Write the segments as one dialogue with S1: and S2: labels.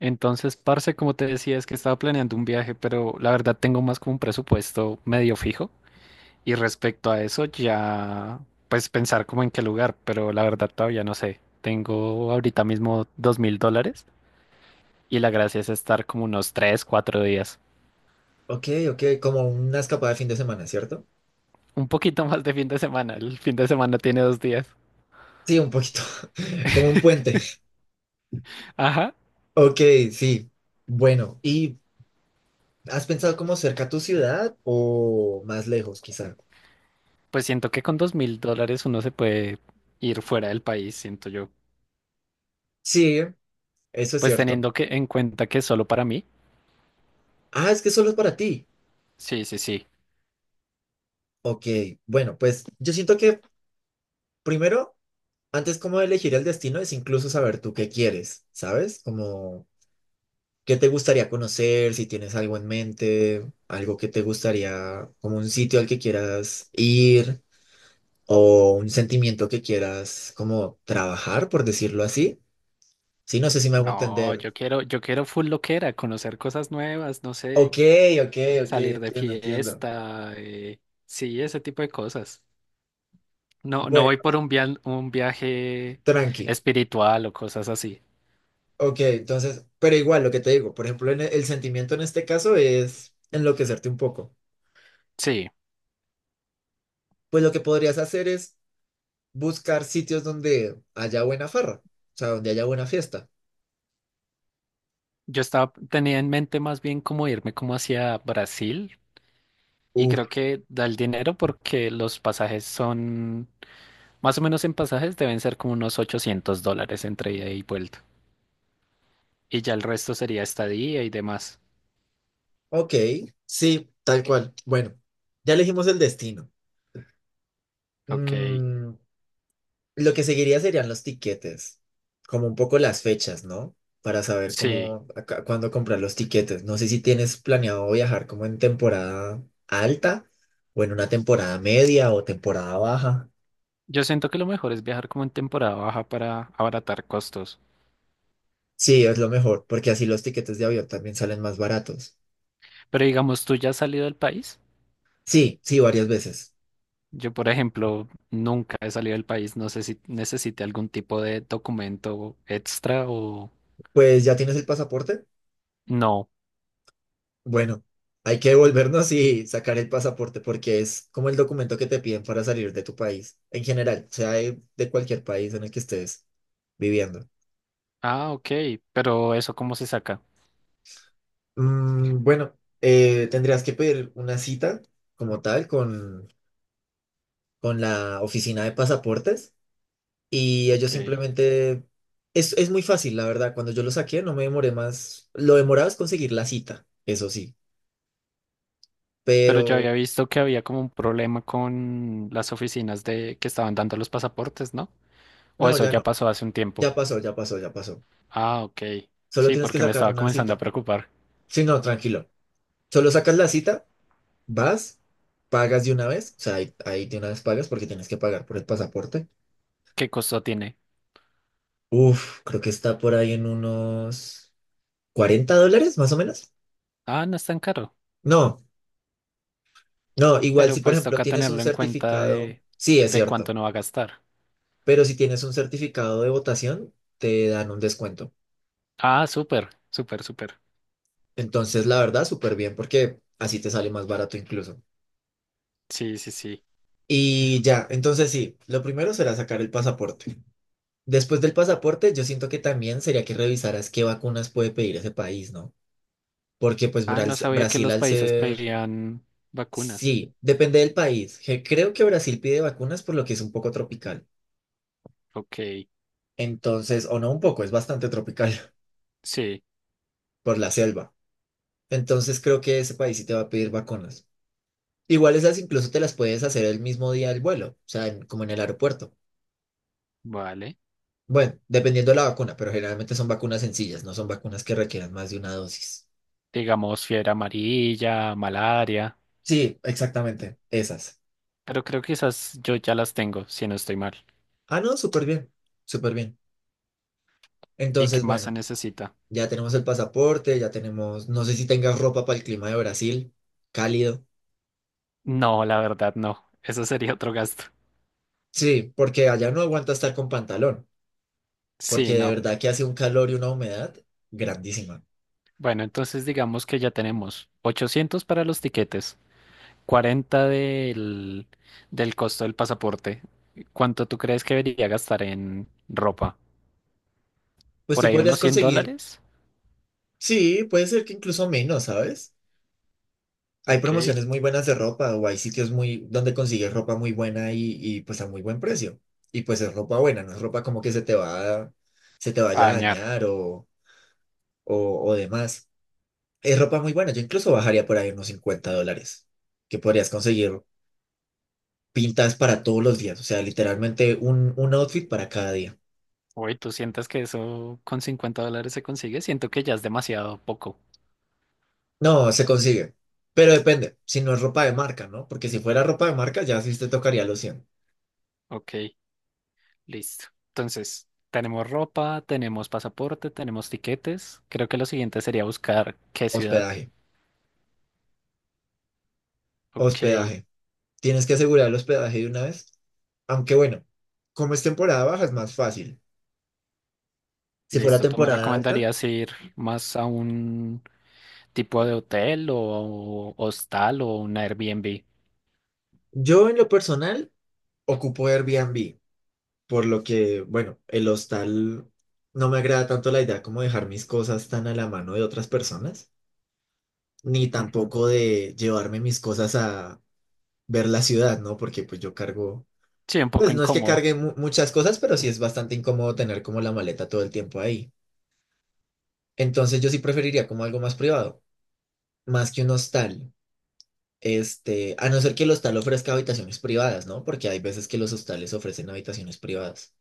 S1: Entonces, parce, como te decía, es que estaba planeando un viaje, pero la verdad tengo más como un presupuesto medio fijo. Y respecto a eso, ya pues pensar como en qué lugar, pero la verdad todavía no sé. Tengo ahorita mismo $2.000 y la gracia es estar como unos 3, 4 días.
S2: Ok, ok, como una escapada de fin de semana, ¿cierto?
S1: Un poquito más de fin de semana. El fin de semana tiene 2 días.
S2: Sí, un poquito, como un puente.
S1: Ajá.
S2: Ok, sí. Bueno, ¿y has pensado como cerca a tu ciudad o más lejos, quizá?
S1: Pues siento que con $2.000 uno se puede ir fuera del país, siento yo.
S2: Sí, eso es
S1: Pues
S2: cierto.
S1: teniendo que en cuenta que es solo para mí.
S2: Ah, es que solo es para ti.
S1: Sí, sí, sí.
S2: Ok, bueno, pues yo siento que primero, antes como de elegir el destino, es incluso saber tú qué quieres, ¿sabes? Como qué te gustaría conocer, si tienes algo en mente, algo que te gustaría, como un sitio al que quieras ir, o un sentimiento que quieras como trabajar, por decirlo así. Sí, no sé si me hago
S1: No,
S2: entender.
S1: yo quiero full loquera, conocer cosas nuevas, no sé,
S2: Ok, ok, ok,
S1: salir de
S2: entiendo, entiendo.
S1: fiesta, sí, ese tipo de cosas. No, no
S2: Bueno,
S1: voy un viaje
S2: tranqui.
S1: espiritual o cosas así.
S2: Ok, entonces, pero igual lo que te digo, por ejemplo, el sentimiento en este caso es enloquecerte un poco.
S1: Sí,
S2: Pues lo que podrías hacer es buscar sitios donde haya buena farra, o sea, donde haya buena fiesta.
S1: tenía en mente más bien como irme como hacia Brasil y
S2: Uf,
S1: creo que da el dinero porque más o menos en pasajes deben ser como unos $800 entre ida y vuelta. Y ya el resto sería estadía y demás.
S2: ok, sí, tal cual. Bueno, ya elegimos el destino.
S1: Ok,
S2: Mm, Lo que seguiría serían los tiquetes, como un poco las fechas, ¿no? Para saber
S1: sí.
S2: cómo, cuándo comprar los tiquetes. No sé si tienes planeado viajar como en temporada alta o en una temporada media o temporada baja.
S1: Yo siento que lo mejor es viajar como en temporada baja para abaratar costos.
S2: Sí, es lo mejor, porque así los tiquetes de avión también salen más baratos.
S1: Pero digamos, ¿tú ya has salido del país?
S2: Sí, sí, varias veces.
S1: Yo, por ejemplo, nunca he salido del país. No sé si necesite algún tipo de documento extra o
S2: Pues ya tienes el pasaporte.
S1: no.
S2: Bueno, hay que devolvernos y sacar el pasaporte porque es como el documento que te piden para salir de tu país, en general, sea de cualquier país en el que estés viviendo.
S1: Ah, ok. Pero eso cómo se saca.
S2: Mm, bueno, tendrías que pedir una cita como tal con la oficina de pasaportes y ellos
S1: Ok.
S2: simplemente... es muy fácil, la verdad. Cuando yo lo saqué no me demoré más. Lo demorado es conseguir la cita, eso sí.
S1: Pero yo
S2: Pero
S1: había visto que había como un problema con las oficinas de que estaban dando los pasaportes, ¿no? O
S2: no,
S1: eso
S2: ya
S1: ya
S2: no.
S1: pasó hace un tiempo.
S2: Ya pasó, ya pasó, ya pasó.
S1: Ah, ok.
S2: Solo
S1: Sí,
S2: tienes que
S1: porque me
S2: sacar
S1: estaba
S2: una
S1: comenzando a
S2: cita.
S1: preocupar.
S2: Sí, no, tranquilo. Solo sacas la cita, vas, pagas de una vez. O sea, ahí, ahí de una vez pagas porque tienes que pagar por el pasaporte.
S1: ¿Qué costo tiene?
S2: Uf, creo que está por ahí en unos $40, más o menos.
S1: Ah, no es tan caro.
S2: No, no, igual
S1: Pero
S2: si por
S1: pues
S2: ejemplo
S1: toca
S2: tienes un
S1: tenerlo en cuenta
S2: certificado, sí, es
S1: de cuánto
S2: cierto,
S1: no va a gastar.
S2: pero si tienes un certificado de votación, te dan un descuento.
S1: Ah, súper, súper, súper.
S2: Entonces, la verdad, súper bien porque así te sale más barato incluso.
S1: Sí, sí, sí.
S2: Y ya, entonces sí, lo primero será sacar el pasaporte. Después del pasaporte, yo siento que también sería que revisaras qué vacunas puede pedir ese país, ¿no? Porque pues
S1: Ah, no sabía que
S2: Brasil
S1: los
S2: al
S1: países
S2: ser...
S1: pedían vacunas.
S2: Sí, depende del país. Creo que Brasil pide vacunas por lo que es un poco tropical.
S1: Ok,
S2: Entonces, o no un poco, es bastante tropical
S1: sí,
S2: por la selva. Entonces creo que ese país sí te va a pedir vacunas. Igual esas incluso te las puedes hacer el mismo día del vuelo, o sea, como en el aeropuerto.
S1: vale.
S2: Bueno, dependiendo de la vacuna, pero generalmente son vacunas sencillas, no son vacunas que requieran más de una dosis.
S1: Digamos fiebre amarilla, malaria.
S2: Sí, exactamente, esas.
S1: Pero creo que esas yo ya las tengo, si no estoy mal.
S2: Ah, no, súper bien, súper bien.
S1: ¿Y qué
S2: Entonces,
S1: más se
S2: bueno,
S1: necesita?
S2: ya tenemos el pasaporte, ya tenemos, no sé si tengas ropa para el clima de Brasil, cálido.
S1: No, la verdad no. Eso sería otro gasto.
S2: Sí, porque allá no aguanta estar con pantalón, porque
S1: Sí,
S2: de
S1: no.
S2: verdad que hace un calor y una humedad grandísima.
S1: Bueno, entonces digamos que ya tenemos 800 para los tiquetes. 40 del costo del pasaporte. ¿Cuánto tú crees que debería gastar en ropa?
S2: Pues
S1: ¿Por
S2: tú
S1: ahí
S2: podrías
S1: unos 100
S2: conseguir,
S1: dólares?
S2: sí, puede ser que incluso menos, ¿sabes? Hay
S1: Ok,
S2: promociones muy buenas de ropa o hay sitios muy donde consigues ropa muy buena y pues a muy buen precio. Y pues es ropa buena, no es ropa como que se te va, se te
S1: a
S2: vaya a
S1: dañar.
S2: dañar o, o demás. Es ropa muy buena. Yo incluso bajaría por ahí unos $50, que podrías conseguir pintas para todos los días. O sea, literalmente un outfit para cada día.
S1: Uy, ¿tú sientes que eso con $50 se consigue? Siento que ya es demasiado poco.
S2: No, se consigue. Pero depende, si no es ropa de marca, ¿no? Porque si fuera ropa de marca, ya sí te tocaría los 100.
S1: Ok, listo. Entonces, tenemos ropa, tenemos pasaporte, tenemos tiquetes. Creo que lo siguiente sería buscar qué ciudad.
S2: Hospedaje,
S1: Ok,
S2: hospedaje. Tienes que asegurar el hospedaje de una vez. Aunque bueno, como es temporada baja, es más fácil. Si fuera
S1: listo. ¿Tú me
S2: temporada alta,
S1: recomendarías ir más a un tipo de hotel o hostal o un Airbnb.
S2: yo en lo personal ocupo Airbnb, por lo que, bueno, el hostal no me agrada tanto la idea como dejar mis cosas tan a la mano de otras personas, ni
S1: Ujú.
S2: tampoco de llevarme mis cosas a ver la ciudad, ¿no? Porque pues yo cargo,
S1: Sí, un poco
S2: pues no es que
S1: incómodo.
S2: cargue muchas cosas, pero sí es bastante incómodo tener como la maleta todo el tiempo ahí. Entonces yo sí preferiría como algo más privado, más que un hostal. Este, a no ser que el hostal ofrezca habitaciones privadas, ¿no? Porque hay veces que los hostales ofrecen habitaciones privadas.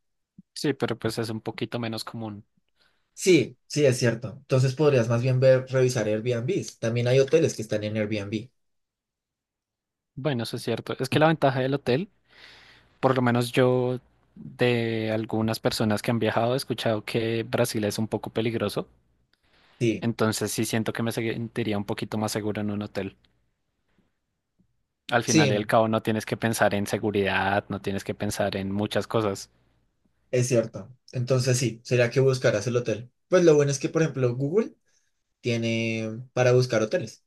S1: Sí, pero pues es un poquito menos común.
S2: Sí, sí, es cierto. Entonces podrías más bien ver, revisar Airbnb. También hay hoteles que están en Airbnb.
S1: Bueno, eso es cierto. Es que la ventaja del hotel, por lo menos yo de algunas personas que han viajado he escuchado que Brasil es un poco peligroso.
S2: Sí,
S1: Entonces sí siento que me sentiría un poquito más seguro en un hotel. Al
S2: sí,
S1: final y al cabo no tienes que pensar en seguridad, no tienes que pensar en muchas cosas.
S2: es cierto. Entonces sí, sería que buscarás el hotel. Pues lo bueno es que, por ejemplo, Google tiene para buscar hoteles.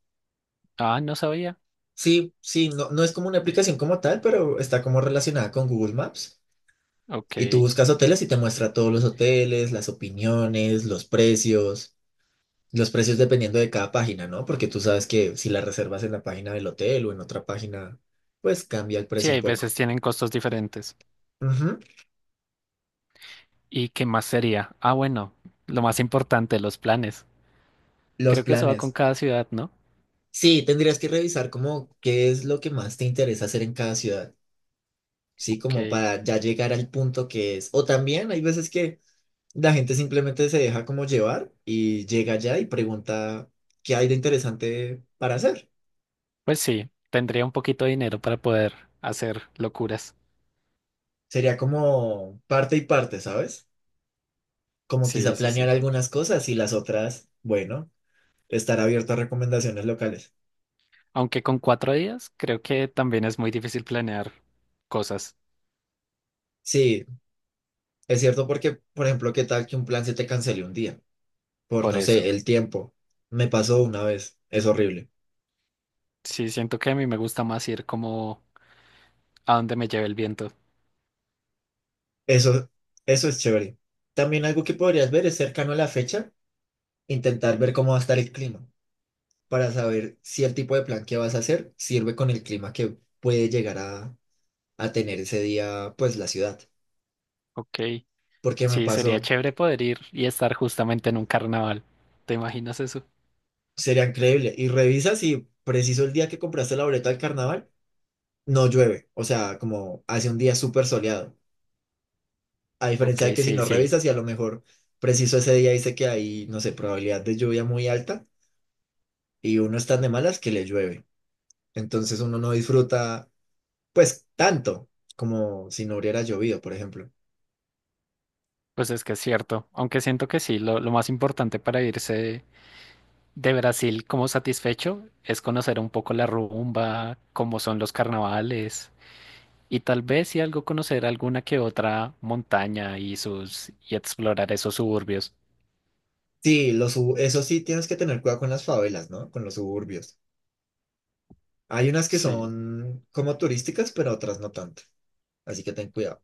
S1: Ah, no sabía.
S2: Sí, sí, no, no es como una aplicación como tal, pero está como relacionada con Google Maps. Y tú
S1: Ok.
S2: buscas hoteles y te muestra todos los hoteles, las opiniones, los precios. Los precios dependiendo de cada página, ¿no? Porque tú sabes que si la reservas en la página del hotel o en otra página, pues cambia el
S1: Sí,
S2: precio un
S1: hay
S2: poco.
S1: veces tienen costos diferentes.
S2: Ujú.
S1: ¿Y qué más sería? Ah, bueno, lo más importante, los planes.
S2: Los
S1: Creo que eso va con
S2: planes.
S1: cada ciudad, ¿no?
S2: Sí, tendrías que revisar como qué es lo que más te interesa hacer en cada ciudad, ¿sí? Como
S1: Ok.
S2: para ya llegar al punto que es. O también hay veces que la gente simplemente se deja como llevar y llega allá y pregunta qué hay de interesante para hacer.
S1: Pues sí, tendría un poquito de dinero para poder hacer locuras.
S2: Sería como parte y parte, ¿sabes? Como quizá
S1: Sí, sí,
S2: planear
S1: sí.
S2: algunas cosas y las otras, bueno, estar abierto a recomendaciones locales.
S1: Aunque con 4 días, creo que también es muy difícil planear cosas
S2: Sí, es cierto porque, por ejemplo, ¿qué tal que un plan se te cancele un día? Por,
S1: por
S2: no
S1: eso.
S2: sé, el tiempo. Me pasó una vez, es horrible.
S1: Sí, siento que a mí me gusta más ir como a donde me lleve el viento.
S2: Eso, eso es chévere. También algo que podrías ver es cercano a la fecha, intentar ver cómo va a estar el clima, para saber si el tipo de plan que vas a hacer sirve con el clima que puede llegar a tener ese día, pues la ciudad.
S1: Ok.
S2: Porque me
S1: Sí, sería
S2: pasó,
S1: chévere poder ir y estar justamente en un carnaval. ¿Te imaginas eso?
S2: sería increíble. Y revisa si preciso el día que compraste la boleta del carnaval no llueve, o sea, como hace un día súper soleado. A
S1: Ok,
S2: diferencia de que si
S1: sí,
S2: no
S1: sí.
S2: revisas y a lo mejor preciso ese día dice que hay, no sé, probabilidad de lluvia muy alta y uno está de malas que le llueve. Entonces uno no disfruta, pues, tanto como si no hubiera llovido, por ejemplo.
S1: Pues es que es cierto, aunque siento que sí, lo más importante para irse de Brasil como satisfecho es conocer un poco la rumba, cómo son los carnavales y tal vez si algo conocer alguna que otra montaña y sus y explorar esos suburbios.
S2: Sí, eso sí, tienes que tener cuidado con las favelas, ¿no? Con los suburbios. Hay unas que
S1: Sí.
S2: son como turísticas, pero otras no tanto. Así que ten cuidado.